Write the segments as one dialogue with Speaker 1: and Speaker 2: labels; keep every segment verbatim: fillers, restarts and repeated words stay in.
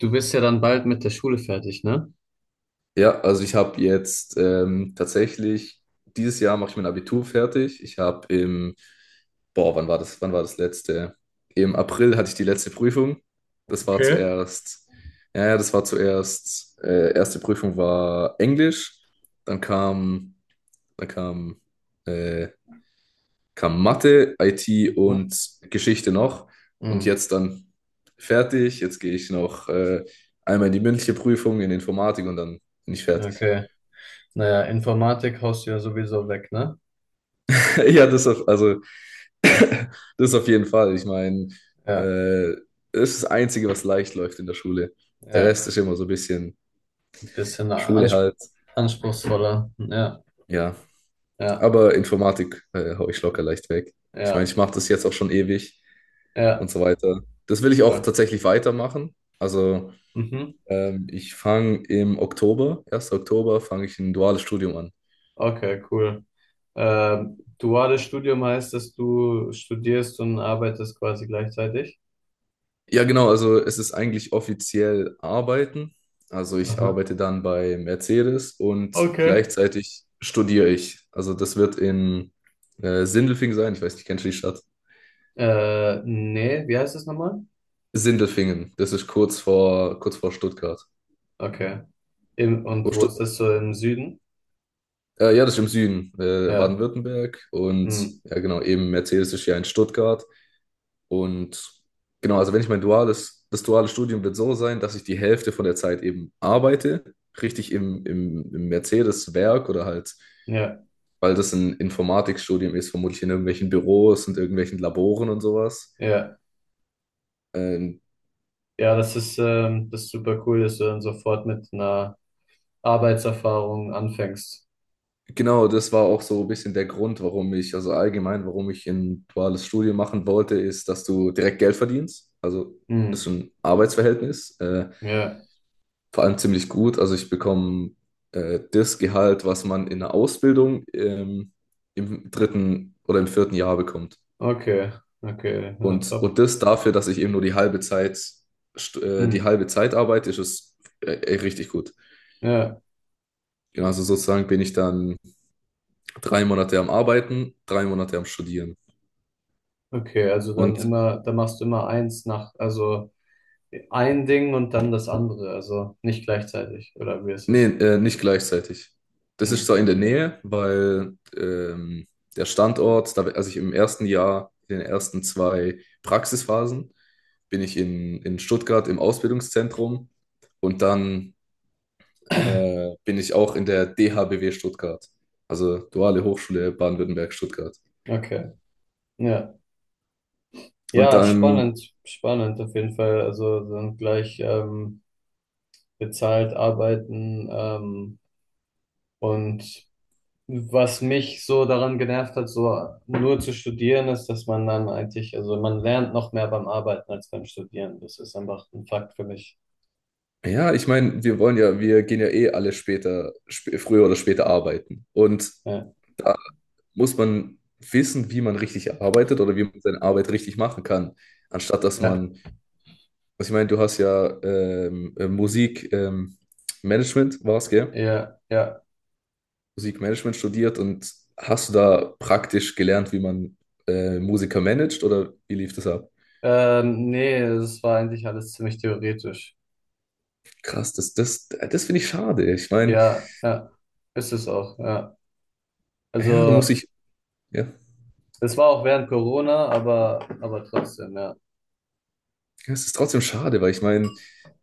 Speaker 1: Du bist ja dann bald mit der Schule fertig, ne?
Speaker 2: Ja, also ich habe jetzt ähm, tatsächlich, dieses Jahr mache ich mein Abitur fertig. Ich habe im, boah, wann war das, wann war das letzte? Im April hatte ich die letzte Prüfung. Das war
Speaker 1: Okay.
Speaker 2: zuerst, ja, ja, das war zuerst, äh, erste Prüfung war Englisch, dann kam, dann kam, äh, kam Mathe, I T
Speaker 1: Mhm.
Speaker 2: und Geschichte noch. Und
Speaker 1: Hm,
Speaker 2: jetzt dann fertig. Jetzt gehe ich noch äh, einmal in die mündliche Prüfung in Informatik und dann bin ich fertig.
Speaker 1: okay. Naja, Informatik haust du ja sowieso weg, ne?
Speaker 2: Ja, das auf, also das auf jeden Fall. Ich meine,
Speaker 1: Ja,
Speaker 2: äh, das ist das Einzige, was leicht läuft in der Schule. Der
Speaker 1: ja.
Speaker 2: Rest ist immer so ein bisschen
Speaker 1: Ein bisschen
Speaker 2: Schule
Speaker 1: ans
Speaker 2: halt.
Speaker 1: anspruchsvoller. Ja,
Speaker 2: Ja,
Speaker 1: ja,
Speaker 2: aber Informatik äh, hau ich locker leicht weg. Ich meine,
Speaker 1: ja,
Speaker 2: ich mache das jetzt auch schon ewig
Speaker 1: ja.
Speaker 2: und so weiter. Das will ich auch
Speaker 1: Voll.
Speaker 2: tatsächlich weitermachen. Also
Speaker 1: Mhm.
Speaker 2: ähm, ich fange im Oktober, ersten Oktober, fange ich ein duales Studium an.
Speaker 1: Okay, cool. Ähm, duales Studium heißt, dass du studierst und arbeitest quasi gleichzeitig?
Speaker 2: Ja, genau, also es ist eigentlich offiziell Arbeiten. Also ich
Speaker 1: Aha.
Speaker 2: arbeite dann bei Mercedes und
Speaker 1: Okay.
Speaker 2: gleichzeitig studiere ich. Also das wird in äh, Sindelfingen sein. Ich weiß nicht, kennst du die Stadt?
Speaker 1: Äh, nee, wie heißt das nochmal?
Speaker 2: Sindelfingen. Das ist kurz vor, kurz vor Stuttgart.
Speaker 1: Okay. Im,
Speaker 2: Oh,
Speaker 1: und wo
Speaker 2: Stu
Speaker 1: ist das so im Süden?
Speaker 2: äh, ja, das ist im Süden, äh,
Speaker 1: Ja.
Speaker 2: Baden-Württemberg. Und
Speaker 1: Hm.
Speaker 2: ja, genau, eben Mercedes ist ja in Stuttgart. Und genau, also wenn ich mein duales, das duale Studium wird so sein, dass ich die Hälfte von der Zeit eben arbeite, richtig im, im, im Mercedes-Werk oder halt,
Speaker 1: Ja.
Speaker 2: weil das ein Informatikstudium ist, vermutlich in irgendwelchen Büros und irgendwelchen Laboren und sowas.
Speaker 1: Ja.
Speaker 2: Ähm,
Speaker 1: Ja, das ist, ähm, das ist super cool, dass du dann sofort mit einer Arbeitserfahrung anfängst.
Speaker 2: genau, das war auch so ein bisschen der Grund, warum ich, also allgemein, warum ich ein duales Studium machen wollte, ist, dass du direkt Geld verdienst. Also ist
Speaker 1: Hm,
Speaker 2: ein Arbeitsverhältnis. Äh,
Speaker 1: ja,
Speaker 2: vor allem ziemlich gut. Also ich bekomme äh, das Gehalt, was man in der Ausbildung ähm, im dritten oder im vierten Jahr bekommt.
Speaker 1: okay, okay, ja,
Speaker 2: Und,
Speaker 1: top.
Speaker 2: und das dafür, dass ich eben nur die halbe Zeit, st- äh, die
Speaker 1: Hm,
Speaker 2: halbe Zeit arbeite, ist es äh, richtig gut.
Speaker 1: ja,
Speaker 2: Genau, also sozusagen bin ich dann drei Monate am Arbeiten, drei Monate am Studieren.
Speaker 1: okay, also dann
Speaker 2: Und
Speaker 1: immer, dann machst du immer eins nach, also ein Ding und dann das andere, also nicht gleichzeitig, oder wie ist
Speaker 2: nee,
Speaker 1: es?
Speaker 2: äh, nicht gleichzeitig. Das ist
Speaker 1: Hm,
Speaker 2: zwar in der Nähe, weil ähm, der Standort, da, also ich im ersten Jahr, in den ersten zwei Praxisphasen, bin ich in, in Stuttgart im Ausbildungszentrum und dann äh, bin ich auch in der D H B W Stuttgart, also Duale Hochschule Baden-Württemberg Stuttgart.
Speaker 1: okay, ja.
Speaker 2: Und
Speaker 1: Ja,
Speaker 2: dann,
Speaker 1: spannend, spannend auf jeden Fall. Also dann gleich, ähm, bezahlt arbeiten ähm, Und was mich so daran genervt hat, so nur zu studieren, ist, dass man dann eigentlich, also man lernt noch mehr beim Arbeiten als beim Studieren. Das ist einfach ein Fakt für mich.
Speaker 2: ja, ich meine, wir wollen ja, wir gehen ja eh alle später, sp früher oder später arbeiten. Und
Speaker 1: Ja,
Speaker 2: muss man wissen, wie man richtig arbeitet oder wie man seine Arbeit richtig machen kann, anstatt dass
Speaker 1: ja,
Speaker 2: man, was ich meine, du hast ja ähm, äh, Musik, ähm, Management war es, gell?
Speaker 1: ja, ja.
Speaker 2: Musikmanagement studiert und hast du da praktisch gelernt, wie man äh, Musiker managt oder wie lief das ab?
Speaker 1: Ähm, nee, es war eigentlich alles ziemlich theoretisch.
Speaker 2: Krass, das, das, das finde ich schade. Ich meine,
Speaker 1: Ja, ja, ist es auch, ja.
Speaker 2: ja, du musst
Speaker 1: Also,
Speaker 2: dich, ja.
Speaker 1: es war auch während Corona, aber, aber trotzdem, ja.
Speaker 2: Ja, es ist trotzdem schade, weil ich meine,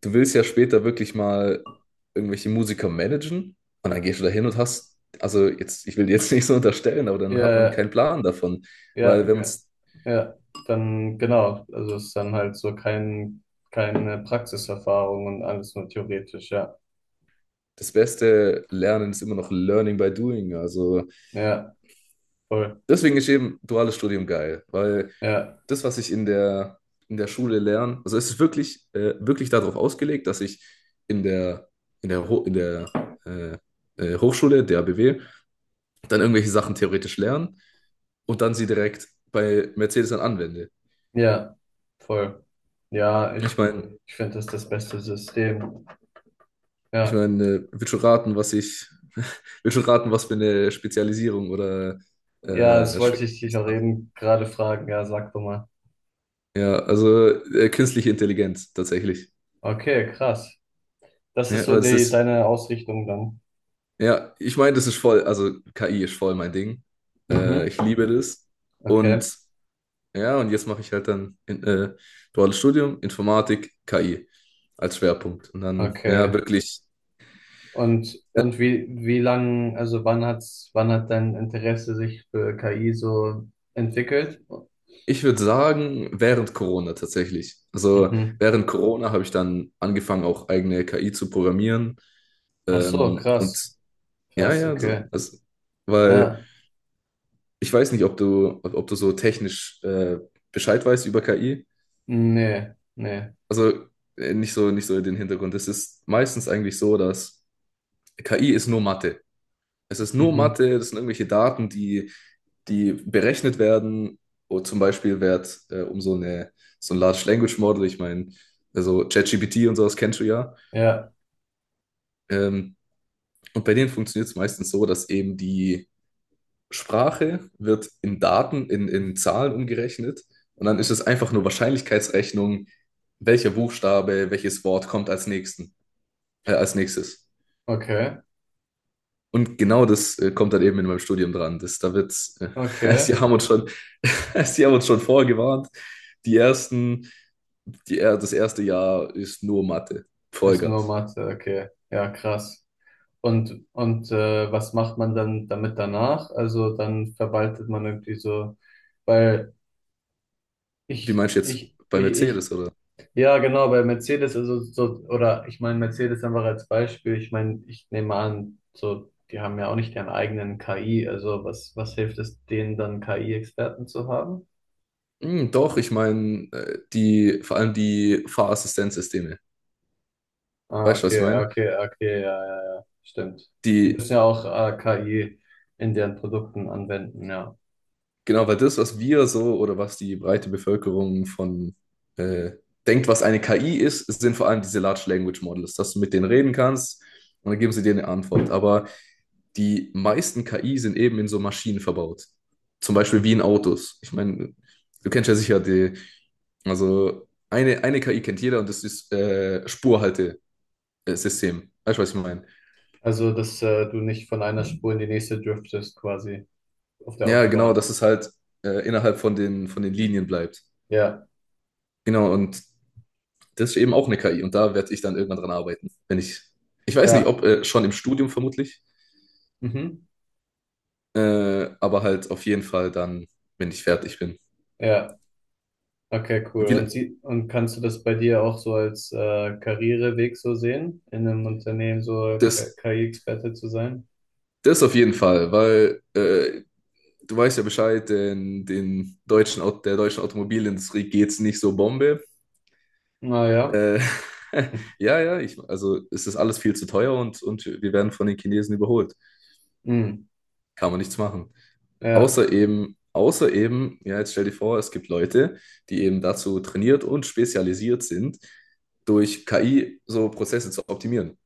Speaker 2: du willst ja später wirklich mal irgendwelche Musiker managen und dann gehst du da hin und hast, also jetzt, ich will dir jetzt nicht so unterstellen, aber dann hat man
Speaker 1: Ja,
Speaker 2: keinen Plan davon,
Speaker 1: ja,
Speaker 2: weil
Speaker 1: ja,
Speaker 2: wenn man
Speaker 1: ja, ja. Dann, genau, also es ist dann halt so kein, keine Praxiserfahrung und alles nur theoretisch, ja.
Speaker 2: das Beste lernen ist immer noch Learning by Doing. Also
Speaker 1: Ja, voll.
Speaker 2: deswegen ist eben duales Studium geil, weil
Speaker 1: Ja,
Speaker 2: das, was ich in der, in der Schule lerne, also es ist wirklich, äh, wirklich darauf ausgelegt, dass ich in der, in der, Ho- in der äh, äh, Hochschule, der A B W, dann irgendwelche Sachen theoretisch lerne und dann sie direkt bei Mercedes dann anwende.
Speaker 1: ja, voll. Ja, ich,
Speaker 2: Ich meine,
Speaker 1: ich finde das das beste System.
Speaker 2: ich
Speaker 1: Ja,
Speaker 2: meine, äh, wird schon raten, was ich, wird schon raten, was für eine Spezialisierung oder
Speaker 1: ja, das
Speaker 2: äh,
Speaker 1: wollte
Speaker 2: Schwerpunkt
Speaker 1: ich dich
Speaker 2: ich
Speaker 1: auch
Speaker 2: dann hab.
Speaker 1: eben gerade fragen. Ja, sag doch mal.
Speaker 2: Ja, also äh, künstliche Intelligenz tatsächlich.
Speaker 1: Okay, krass. Das
Speaker 2: Ja,
Speaker 1: ist so
Speaker 2: aber das
Speaker 1: die,
Speaker 2: ist,
Speaker 1: deine Ausrichtung dann.
Speaker 2: ja, ich meine, das ist voll, also K I ist voll mein Ding. Äh, ich
Speaker 1: Mhm.
Speaker 2: liebe das.
Speaker 1: Okay,
Speaker 2: Und ja, und jetzt mache ich halt dann in, äh, duales Studium, Informatik, K I als Schwerpunkt. Und dann, ja,
Speaker 1: okay.
Speaker 2: wirklich.
Speaker 1: Und, und wie, wie lang, also wann hat's, wann hat dein Interesse sich für K I so entwickelt?
Speaker 2: Ich würde sagen, während Corona tatsächlich. Also
Speaker 1: Mhm.
Speaker 2: während Corona habe ich dann angefangen, auch eigene K I zu programmieren.
Speaker 1: Ach so,
Speaker 2: Ähm, und
Speaker 1: krass.
Speaker 2: ja,
Speaker 1: Krass,
Speaker 2: ja, so-
Speaker 1: okay.
Speaker 2: also, weil
Speaker 1: Ja,
Speaker 2: ich weiß nicht, ob du, ob, ob du so technisch äh, Bescheid weißt über K I.
Speaker 1: nee, nee.
Speaker 2: Also äh, nicht so, nicht so den Hintergrund. Es ist meistens eigentlich so, dass K I ist nur Mathe. Es ist nur
Speaker 1: Mhm.
Speaker 2: Mathe, das sind irgendwelche Daten, die die berechnet werden. Und zum Beispiel wird äh, um so, eine, so ein Large Language Model, ich meine, also ChatGPT und sowas kennst du ja.
Speaker 1: Ja,
Speaker 2: Ähm, und bei denen funktioniert es meistens so, dass eben die Sprache wird in Daten, in, in Zahlen umgerechnet. Und dann ist es einfach nur Wahrscheinlichkeitsrechnung, welcher Buchstabe, welches Wort kommt als, nächsten, äh, als nächstes.
Speaker 1: okay.
Speaker 2: Und genau das äh, kommt dann eben in meinem Studium dran. Das, da wird, äh, sie
Speaker 1: Okay,
Speaker 2: haben uns schon, sie haben uns schon vorgewarnt. Die ersten die, das erste Jahr ist nur Mathe.
Speaker 1: ist nur
Speaker 2: Vollgas.
Speaker 1: Mathe, okay. Ja, krass. Und, und äh, was macht man dann damit danach? Also dann verwaltet man irgendwie so, weil
Speaker 2: Wie
Speaker 1: ich,
Speaker 2: meinst du jetzt
Speaker 1: ich,
Speaker 2: bei
Speaker 1: ich, ich,
Speaker 2: Mercedes, oder?
Speaker 1: ja genau, bei Mercedes, also so, oder ich meine Mercedes einfach als Beispiel, ich meine, ich nehme an, so, die haben ja auch nicht ihren eigenen K I, also was, was hilft es denen dann K I-Experten zu haben?
Speaker 2: Hm, doch, ich meine, äh, die, vor allem die Fahrassistenzsysteme.
Speaker 1: Ah,
Speaker 2: Weißt du, was ich
Speaker 1: okay,
Speaker 2: meine?
Speaker 1: okay, okay, ja, ja, ja, stimmt. Die
Speaker 2: Die,
Speaker 1: müssen ja auch äh, K I in deren Produkten anwenden, ja.
Speaker 2: genau, weil das, was wir so oder was die breite Bevölkerung von äh, denkt, was eine K I ist, sind vor allem diese Large Language Models, dass du mit denen reden kannst und dann geben sie dir eine Antwort. Aber die meisten K I sind eben in so Maschinen verbaut. Zum Beispiel
Speaker 1: Mhm.
Speaker 2: wie in Autos. Ich meine, du kennst ja sicher die, also eine, eine K I kennt jeder und das ist äh, Spurhaltesystem. Weißt du, was ich meine?
Speaker 1: Also, dass äh, du nicht von einer Spur in die nächste driftest, quasi auf der
Speaker 2: Ja, genau,
Speaker 1: Autobahn.
Speaker 2: dass es halt äh, innerhalb von den, von den Linien bleibt.
Speaker 1: Ja,
Speaker 2: Genau, und das ist eben auch eine K I und da werde ich dann irgendwann dran arbeiten. Wenn ich, ich weiß nicht,
Speaker 1: ja,
Speaker 2: ob äh, schon im Studium vermutlich,
Speaker 1: mhm.
Speaker 2: äh, aber halt auf jeden Fall dann, wenn ich fertig bin.
Speaker 1: Ja, okay, cool.
Speaker 2: Wie, la-
Speaker 1: Und, sie, und kannst du das bei dir auch so als äh, Karriereweg so sehen, in einem Unternehmen so K-
Speaker 2: das,
Speaker 1: KI-Experte zu sein?
Speaker 2: das auf jeden Fall, weil äh, du weißt ja Bescheid, den, den deutschen, Au- der deutschen Automobilindustrie geht es nicht so Bombe.
Speaker 1: Naja,
Speaker 2: Äh, ja, ja, ich, also es ist alles viel zu teuer und, und wir werden von den Chinesen überholt.
Speaker 1: mhm.
Speaker 2: Kann man nichts machen.
Speaker 1: Ja,
Speaker 2: Außer eben, außer eben, ja, jetzt stell dir vor, es gibt Leute, die eben dazu trainiert und spezialisiert sind, durch K I so Prozesse zu optimieren.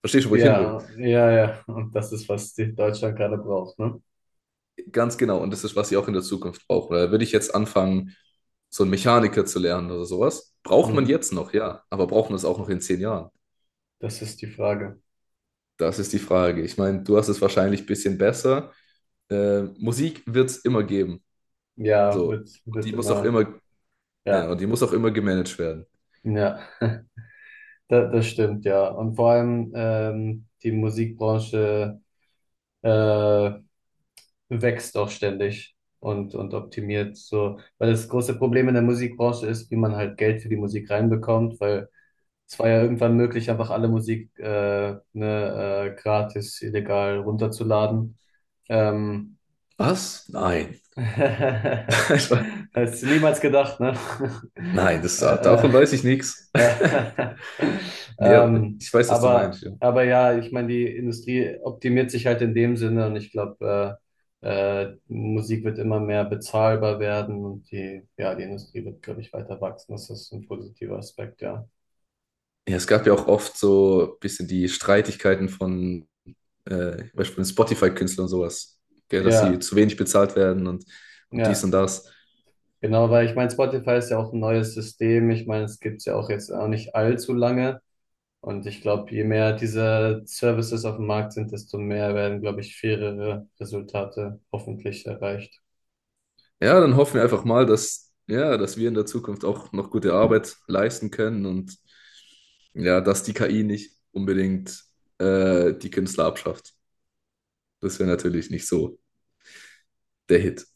Speaker 2: Verstehst du, wo ich hin will?
Speaker 1: ja, ja, ja. Und das ist, was die Deutschland gerade braucht, ne?
Speaker 2: Ganz genau. Und das ist, was sie auch in der Zukunft brauchen. Da würde ich jetzt anfangen, so einen Mechaniker zu lernen oder sowas. Braucht man
Speaker 1: Mhm.
Speaker 2: jetzt noch, ja. Aber braucht man es auch noch in zehn Jahren?
Speaker 1: Das ist die Frage.
Speaker 2: Das ist die Frage. Ich meine, du hast es wahrscheinlich ein bisschen besser. äh, Musik wird es immer geben.
Speaker 1: Ja,
Speaker 2: So.
Speaker 1: wird,
Speaker 2: Und die
Speaker 1: wird
Speaker 2: muss auch
Speaker 1: immer,
Speaker 2: immer, ja,
Speaker 1: ja,
Speaker 2: und die muss auch immer gemanagt werden.
Speaker 1: ja, das, das stimmt, ja. Und vor allem ähm, die Musikbranche äh, wächst auch ständig und, und optimiert so. Weil das große Problem in der Musikbranche ist, wie man halt Geld für die Musik reinbekommt, weil es war ja irgendwann möglich, einfach alle Musik äh, ne, äh, gratis, illegal runterzuladen. Ähm,
Speaker 2: Was? Nein. Ich war-
Speaker 1: hast du niemals gedacht, ne?
Speaker 2: Nein, das, ah,
Speaker 1: äh, äh,
Speaker 2: davon weiß ich nichts.
Speaker 1: Ja.
Speaker 2: Nee, aber
Speaker 1: Ähm,
Speaker 2: ich weiß, was du
Speaker 1: aber,
Speaker 2: meinst. Ja.
Speaker 1: aber ja, ich meine, die Industrie optimiert sich halt in dem Sinne und ich glaube, äh, äh, Musik wird immer mehr bezahlbar werden und die, ja, die Industrie wird, glaube ich, weiter wachsen. Das ist ein positiver Aspekt, ja.
Speaker 2: Ja, es gab ja auch oft so ein bisschen die Streitigkeiten von äh, zum Beispiel Spotify-Künstlern und sowas, gell, dass sie
Speaker 1: Ja,
Speaker 2: zu wenig bezahlt werden und, und dies
Speaker 1: ja,
Speaker 2: und das.
Speaker 1: genau, weil ich meine, Spotify ist ja auch ein neues System. Ich meine, es gibt's ja auch jetzt auch nicht allzu lange. Und ich glaube, je mehr diese Services auf dem Markt sind, desto mehr werden, glaube ich, fairere Resultate hoffentlich erreicht.
Speaker 2: Ja, dann hoffen wir einfach mal, dass, ja, dass wir in der Zukunft auch noch gute Arbeit leisten können und ja, dass die K I nicht unbedingt äh, die Künstler abschafft. Das wäre natürlich nicht so der Hit.